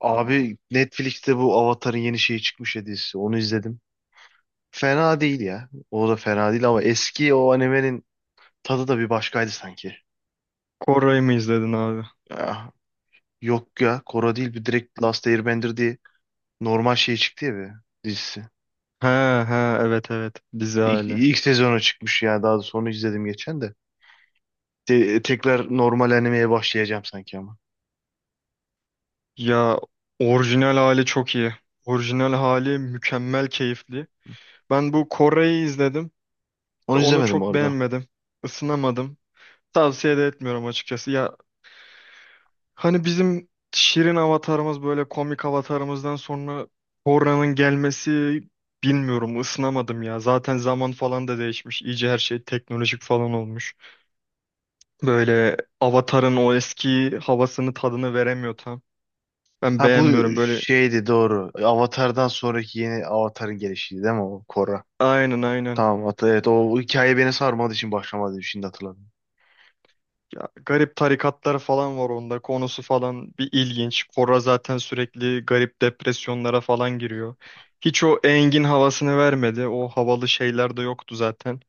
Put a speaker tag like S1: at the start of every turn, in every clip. S1: Abi Netflix'te bu Avatar'ın yeni şeyi çıkmış ya dizisi. Onu izledim. Fena değil ya. O da fena değil ama eski o animenin tadı da bir başkaydı sanki.
S2: Koray'ı mı izledin abi?
S1: Ya, yok ya. Korra değil bir direkt Last Airbender diye normal şey çıktı ya bir dizisi.
S2: He he evet evet dizi
S1: İlk,
S2: hali.
S1: ilk sezonu çıkmış ya. Daha da sonra izledim geçen de. Tekrar normal animeye başlayacağım sanki ama.
S2: Ya orijinal hali çok iyi. Orijinal hali mükemmel keyifli. Ben bu Koray'ı izledim.
S1: Onu
S2: Onu
S1: izlemedim
S2: çok
S1: orada.
S2: beğenmedim. Isınamadım. Tavsiye de etmiyorum açıkçası. Ya hani bizim şirin avatarımız böyle komik avatarımızdan sonra Koray'ın gelmesi, bilmiyorum, ısınamadım ya. Zaten zaman falan da değişmiş. İyice her şey teknolojik falan olmuş. Böyle Avatar'ın o eski havasını tadını veremiyor tam. Ben
S1: Ha bu
S2: beğenmiyorum böyle.
S1: şeydi doğru. Avatar'dan sonraki yeni Avatar'ın gelişiydi değil mi o Korra?
S2: Aynen aynen.
S1: Tamam evet o hikaye beni sarmadığı için başlamadı, şimdi hatırladım.
S2: Ya, garip tarikatlar falan var onda. Konusu falan bir ilginç. Korra zaten sürekli garip depresyonlara falan giriyor. Hiç o Engin havasını vermedi. O havalı şeyler de yoktu zaten.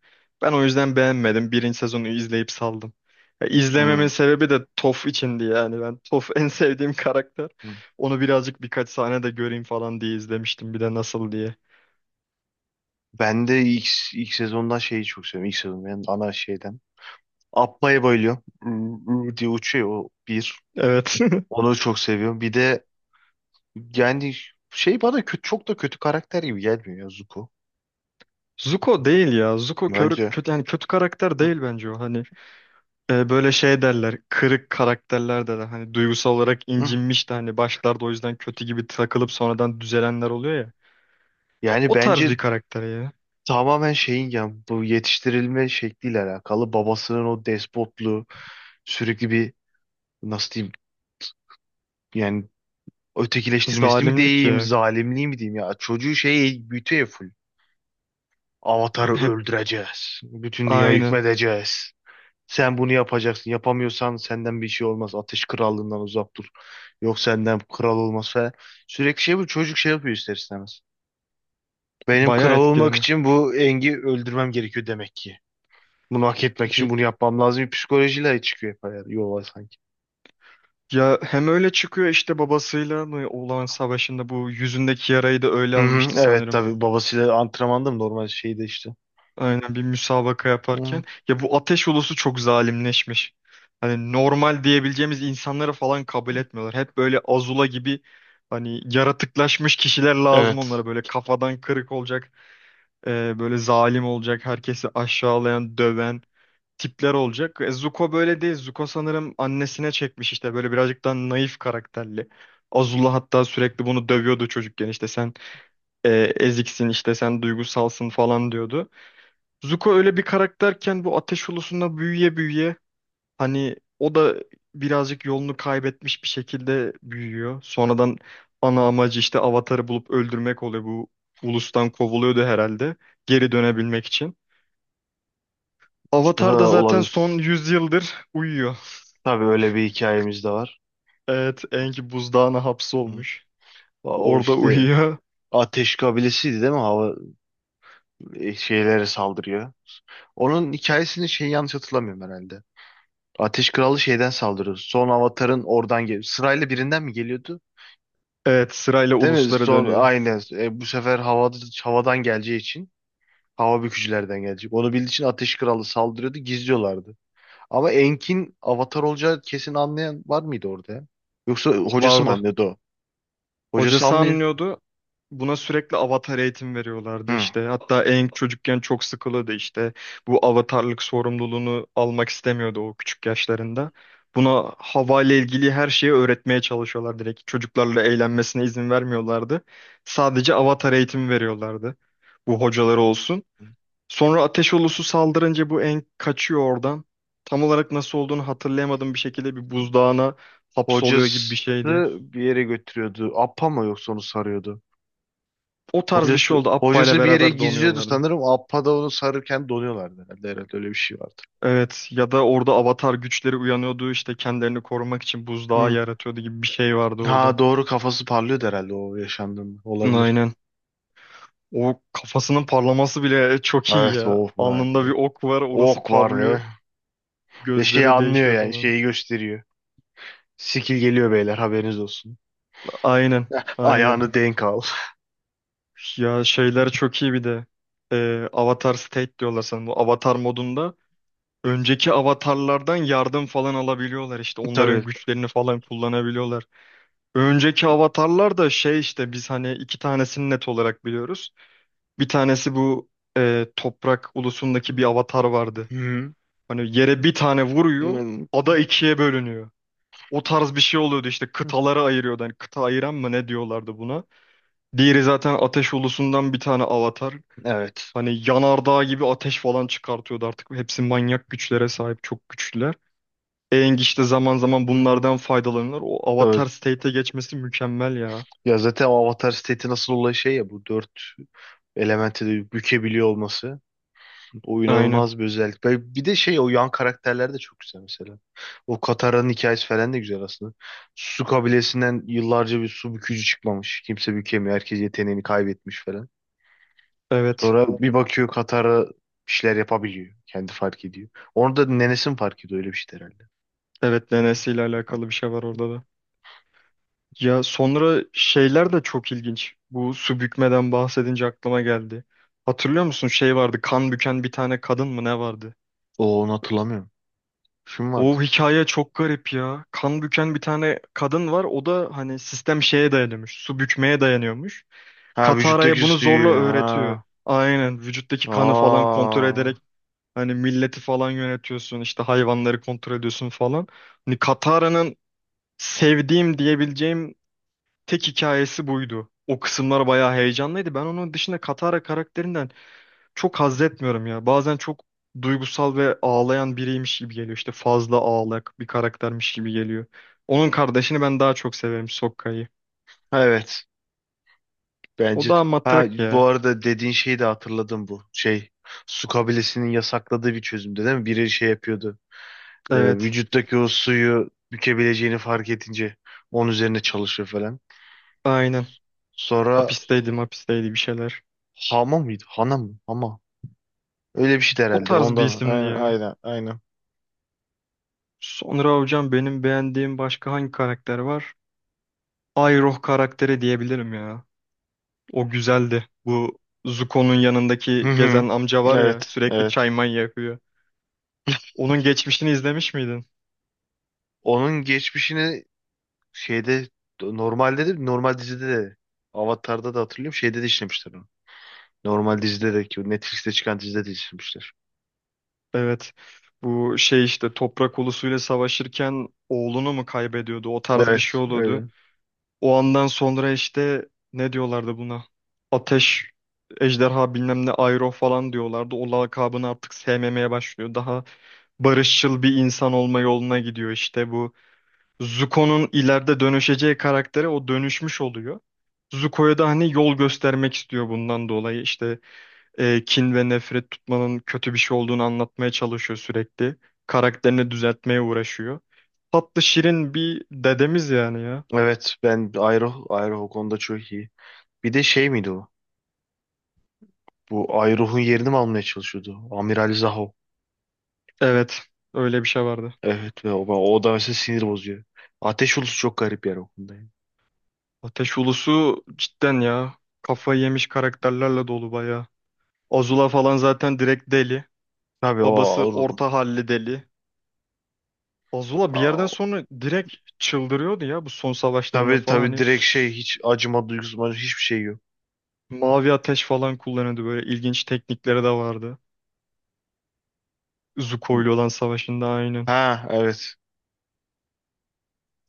S2: Ben o yüzden beğenmedim. Birinci sezonu izleyip saldım. Ya,
S1: Hmm.
S2: izlememin sebebi de Toph içindi yani. Ben Toph en sevdiğim karakter.
S1: Hmm.
S2: Onu birazcık birkaç sahne de göreyim falan diye izlemiştim, bir de nasıl diye.
S1: Ben de ilk sezondan şeyi çok seviyorum. İlk sezon benim ana şeyden. Appa'ya bayılıyorum. Ü diye uçuyor o bir.
S2: Evet.
S1: Onu çok seviyorum. Bir de yani şey, bana kötü, çok da kötü karakter gibi gelmiyor ya Zuko.
S2: Zuko değil ya. Zuko körü,
S1: Bence.
S2: kötü, yani kötü karakter
S1: Hı,
S2: değil bence o. Hani böyle şey derler. Kırık karakterler. De hani duygusal olarak
S1: hı.
S2: incinmiş de hani başlarda o yüzden kötü gibi takılıp sonradan düzelenler oluyor ya.
S1: Yani
S2: O tarz
S1: bence
S2: bir karakter ya.
S1: tamamen şeyin ya, bu yetiştirilme şekliyle alakalı. Babasının o despotluğu, sürekli bir, nasıl diyeyim, yani ötekileştirmesi mi
S2: Zalimlik
S1: diyeyim,
S2: ya.
S1: zalimliği mi diyeyim ya. Çocuğu şey büyütüyor full. Avatar'ı
S2: Hep
S1: öldüreceğiz. Bütün dünya
S2: aynen.
S1: hükmedeceğiz. Sen bunu yapacaksın. Yapamıyorsan senden bir şey olmaz. Ateş krallığından uzak dur. Yok senden kral olmaz falan. Sürekli şey bu. Çocuk şey yapıyor ister istemez. Benim
S2: Bayağı
S1: kral olmak
S2: etkileniyor.
S1: için bu Engi öldürmem gerekiyor demek ki. Bunu hak etmek için
S2: Y-
S1: bunu yapmam lazım. Bir psikolojiyle çıkıyor hep yola sanki.
S2: Ya hem öyle çıkıyor, işte babasıyla mı olan savaşında bu yüzündeki yarayı da öyle
S1: Hı hı,
S2: almıştı
S1: evet
S2: sanırım.
S1: tabii babasıyla antrenmanda mı, normal şeyde işte.
S2: Aynen, bir müsabaka
S1: Hı.
S2: yaparken. Ya, bu ateş ulusu çok zalimleşmiş. Hani normal diyebileceğimiz insanları falan kabul etmiyorlar. Hep böyle Azula gibi hani yaratıklaşmış kişiler lazım
S1: Evet,
S2: onlara. Böyle kafadan kırık olacak, böyle zalim olacak, herkesi aşağılayan, döven tipler olacak. Zuko böyle değil. Zuko sanırım annesine çekmiş, işte böyle birazcık daha naif karakterli. Azula hatta sürekli bunu dövüyordu çocukken, işte sen e, eziksin, işte sen duygusalsın falan diyordu. Zuko öyle bir karakterken bu ateş ulusunda büyüye büyüye hani o da birazcık yolunu kaybetmiş bir şekilde büyüyor. Sonradan ana amacı işte Avatar'ı bulup öldürmek oluyor. Bu ulustan kovuluyordu herhalde, geri dönebilmek için. Avatar da
S1: ha,
S2: zaten son
S1: olabilir.
S2: 100 yıldır uyuyor.
S1: Tabii öyle bir hikayemiz de var.
S2: Evet, Aang buzdağına
S1: Hı.
S2: hapsolmuş.
S1: O
S2: Orada
S1: işte
S2: uyuyor.
S1: ateş kabilesiydi değil mi? Hava şeylere saldırıyor. Onun hikayesini şey, yanlış hatırlamıyorum herhalde. Ateş Kralı şeyden saldırıyor. Son Avatar'ın oradan geliyor. Sırayla birinden mi geliyordu?
S2: Evet, sırayla
S1: Değil mi?
S2: uluslara
S1: Son
S2: dönüyor.
S1: aynı. Bu sefer havadan geleceği için hava bükücülerden gelecek. Onu bildiği için Ateş Kralı saldırıyordu. Gizliyorlardı. Ama Enk'in Avatar olacağı kesin, anlayan var mıydı orada ya? Yoksa hocası mı
S2: Vardı.
S1: anlıyordu o? Hocası
S2: Hocası
S1: anlıyor.
S2: anlıyordu. Buna sürekli avatar eğitim veriyorlardı
S1: Hı.
S2: işte. Hatta en çocukken çok sıkılıyordu işte. Bu avatarlık sorumluluğunu almak istemiyordu o küçük yaşlarında. Buna hava ile ilgili her şeyi öğretmeye çalışıyorlar direkt. Çocuklarla eğlenmesine izin vermiyorlardı. Sadece avatar eğitimi veriyorlardı. Bu hocaları olsun. Sonra ateş ulusu saldırınca bu en kaçıyor oradan. Tam olarak nasıl olduğunu hatırlayamadığım bir şekilde bir buzdağına hapsoluyor gibi bir
S1: Hocası
S2: şeydi.
S1: bir yere götürüyordu. Appa mı yoksa onu sarıyordu?
S2: O tarz bir şey
S1: Hocası,
S2: oldu. Appa ile
S1: hocası bir yere
S2: beraber
S1: gizliyordu
S2: donuyorlardı.
S1: sanırım. Appa da onu sarırken donuyorlardı herhalde. Herhalde öyle bir şey vardı.
S2: Evet ya da orada avatar güçleri uyanıyordu işte, kendilerini korumak için buzdağı
S1: Hı.
S2: yaratıyordu gibi bir şey vardı orada.
S1: Ha doğru, kafası parlıyordu herhalde o yaşandığında. Olabilir.
S2: Aynen. O kafasının parlaması bile çok iyi
S1: Evet
S2: ya.
S1: o yani.
S2: Alnında bir ok var, orası
S1: Ok var ve
S2: parlıyor.
S1: şeyi
S2: Gözleri
S1: anlıyor,
S2: değişiyor
S1: yani
S2: falan.
S1: şeyi gösteriyor. Skill geliyor beyler, haberiniz olsun.
S2: Aynen. Aynen.
S1: Ayağını denk al.
S2: Ya şeyler çok iyi bir de. Avatar State diyorlar sanırım. Bu avatar modunda önceki avatarlardan yardım falan alabiliyorlar işte. Onların
S1: Tabii.
S2: güçlerini falan kullanabiliyorlar. Önceki avatarlar da şey işte, biz hani iki tanesini net olarak biliyoruz. Bir tanesi bu toprak ulusundaki bir avatar vardı.
S1: Hı.
S2: Hani yere bir tane vuruyor,
S1: Hı.
S2: ada ikiye bölünüyor. O tarz bir şey oluyordu işte, kıtaları ayırıyordu. Hani kıta ayıran mı ne diyorlardı buna. Diğeri zaten ateş ulusundan bir tane avatar.
S1: Evet.
S2: Hani yanardağ gibi ateş falan çıkartıyordu artık. Hepsi manyak güçlere sahip, çok güçlüler. Aang işte zaman zaman
S1: Hı hı.
S2: bunlardan faydalanır. O avatar
S1: Tabii.
S2: state'e geçmesi mükemmel ya.
S1: Ya zaten o Avatar seti nasıl olay, şey ya, bu dört elementi de bükebiliyor olması. O
S2: Aynen.
S1: inanılmaz bir özellik. Ve bir de şey, o yan karakterler de çok güzel mesela. O Katara'nın hikayesi falan da güzel aslında. Su kabilesinden yıllarca bir su bükücü çıkmamış. Kimse bükemiyor. Herkes yeteneğini kaybetmiş falan.
S2: Evet.
S1: Sonra bir bakıyor Katara bir şeyler yapabiliyor. Kendi fark ediyor. Onu da nenesi mi fark ediyor, öyle bir şey herhalde.
S2: Evet, DNS ile alakalı bir şey var orada da. Ya sonra şeyler de çok ilginç. Bu su bükmeden bahsedince aklıma geldi. Hatırlıyor musun, şey vardı, kan büken bir tane kadın mı ne vardı?
S1: O, onu hatırlamıyorum. Şu mu vardı?
S2: O hikaye çok garip ya. Kan büken bir tane kadın var. O da hani sistem şeye dayanıyormuş. Su bükmeye dayanıyormuş.
S1: Ha,
S2: Katara'ya
S1: vücuttaki
S2: bunu zorla
S1: suyu.
S2: öğretiyor.
S1: Ha.
S2: Aynen, vücuttaki kanı falan kontrol
S1: Aa.
S2: ederek hani milleti falan yönetiyorsun, işte hayvanları kontrol ediyorsun falan. Hani Katara'nın sevdiğim diyebileceğim tek hikayesi buydu. O kısımlar bayağı heyecanlıydı. Ben onun dışında Katara karakterinden çok haz etmiyorum ya. Bazen çok duygusal ve ağlayan biriymiş gibi geliyor. İşte fazla ağlak bir karaktermiş gibi geliyor. Onun kardeşini ben daha çok severim, Sokka'yı.
S1: Evet.
S2: O
S1: Bence.
S2: daha
S1: Ha
S2: matrak
S1: bu
S2: ya.
S1: arada dediğin şeyi de hatırladım, bu şey, su kabilesinin yasakladığı bir çözümde değil mi? Biri şey yapıyordu.
S2: Evet,
S1: Vücuttaki o suyu bükebileceğini fark edince onun üzerine çalışıyor falan.
S2: aynen.
S1: Sonra
S2: Hapisteydi, hapisteydi bir şeyler.
S1: Hama mıydı? Hana mı? Hama. Öyle bir şeydi
S2: O
S1: herhalde.
S2: tarz bir
S1: Ondan.
S2: isimdi
S1: Aynen,
S2: ya.
S1: aynen, aynen.
S2: Sonra hocam benim beğendiğim başka hangi karakter var? Iroh karakteri diyebilirim ya. O güzeldi. Bu Zuko'nun
S1: Hı
S2: yanındaki
S1: hı.
S2: gezen amca var ya,
S1: Evet,
S2: sürekli
S1: evet.
S2: çay may yakıyor. Onun geçmişini izlemiş miydin?
S1: Onun geçmişini şeyde, normalde de, normal dizide de Avatar'da da hatırlıyorum. Şeyde de işlemişler onu. Normal dizide de ki, o Netflix'te çıkan dizide de işlemişler.
S2: Evet. Bu şey işte, toprak ulusuyla savaşırken oğlunu mu kaybediyordu? O tarz bir
S1: Evet,
S2: şey
S1: öyle.
S2: oluyordu. O andan sonra işte ne diyorlardı buna? Ateş, ejderha bilmem ne Iroh falan diyorlardı. O lakabını artık sevmemeye başlıyor. Daha barışçıl bir insan olma yoluna gidiyor, işte bu Zuko'nun ileride dönüşeceği karaktere o dönüşmüş oluyor. Zuko'ya da hani yol göstermek istiyor bundan dolayı. İşte kin ve nefret tutmanın kötü bir şey olduğunu anlatmaya çalışıyor sürekli. Karakterini düzeltmeye uğraşıyor. Tatlı şirin bir dedemiz yani ya.
S1: Evet, ben Ayruh, Ayruh o konuda çok iyi. Bir de şey miydi o? Bu Ayruh'un yerini mi almaya çalışıyordu? Amiral Zaho.
S2: Evet, öyle bir şey vardı.
S1: Evet ve o, o da mesela sinir bozuyor. Ateş Ulusu çok garip yer o konuda, yani.
S2: Ateş Ulusu cidden ya. Kafayı yemiş karakterlerle dolu bayağı. Azula falan zaten direkt deli.
S1: Tabii o
S2: Babası
S1: ağır.
S2: orta halli deli. Azula bir yerden
S1: Aa,
S2: sonra direkt çıldırıyordu ya bu son savaşlarında
S1: tabii
S2: falan,
S1: tabii,
S2: hani
S1: direkt şey, hiç acıma duygusu hiçbir şey yok.
S2: mavi ateş falan kullanıyordu, böyle ilginç teknikleri de vardı. Zuko ile olan savaşında aynen.
S1: Ha evet.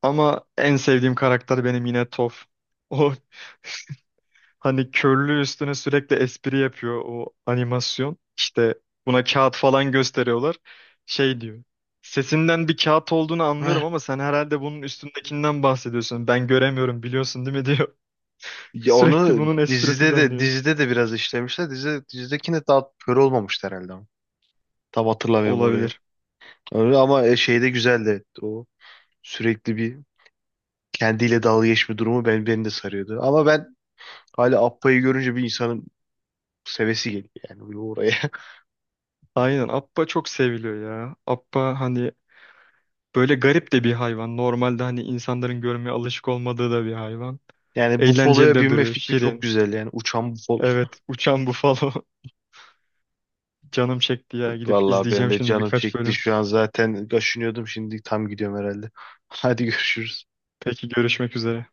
S2: Ama en sevdiğim karakter benim yine Toph. O hani körlüğü üstüne sürekli espri yapıyor o animasyon. İşte buna kağıt falan gösteriyorlar. Şey diyor. Sesinden bir kağıt olduğunu
S1: Heh.
S2: anlıyorum ama sen herhalde bunun üstündekinden bahsediyorsun. Ben göremiyorum, biliyorsun değil mi diyor.
S1: Ya
S2: Sürekli
S1: onu
S2: bunun esprisi
S1: dizide de,
S2: dönüyor.
S1: dizide de biraz işlemişler. Dizide, dizidekine daha kör olmamıştı herhalde ama. Tam hatırlamıyorum orayı.
S2: Olabilir.
S1: Öyle ama şey de güzeldi. O sürekli bir kendiyle dalga geçme durumu beni de sarıyordu. Ama ben hala Appa'yı görünce bir insanın sevesi geliyor yani bir oraya.
S2: Aynen, Appa çok seviliyor ya. Appa hani böyle garip de bir hayvan. Normalde hani insanların görmeye alışık olmadığı da bir hayvan.
S1: Yani
S2: Eğlenceli
S1: bufaloya
S2: de
S1: binme
S2: duruyor,
S1: fikri çok
S2: şirin.
S1: güzel, yani uçan bufalo.
S2: Evet, uçan bufalo. Canım çekti ya. Gidip
S1: Vallahi ben
S2: izleyeceğim
S1: de
S2: şimdi
S1: canım
S2: birkaç
S1: çekti
S2: bölüm.
S1: şu an, zaten kaşınıyordum, şimdi tam gidiyorum herhalde. Hadi görüşürüz.
S2: Peki, görüşmek üzere.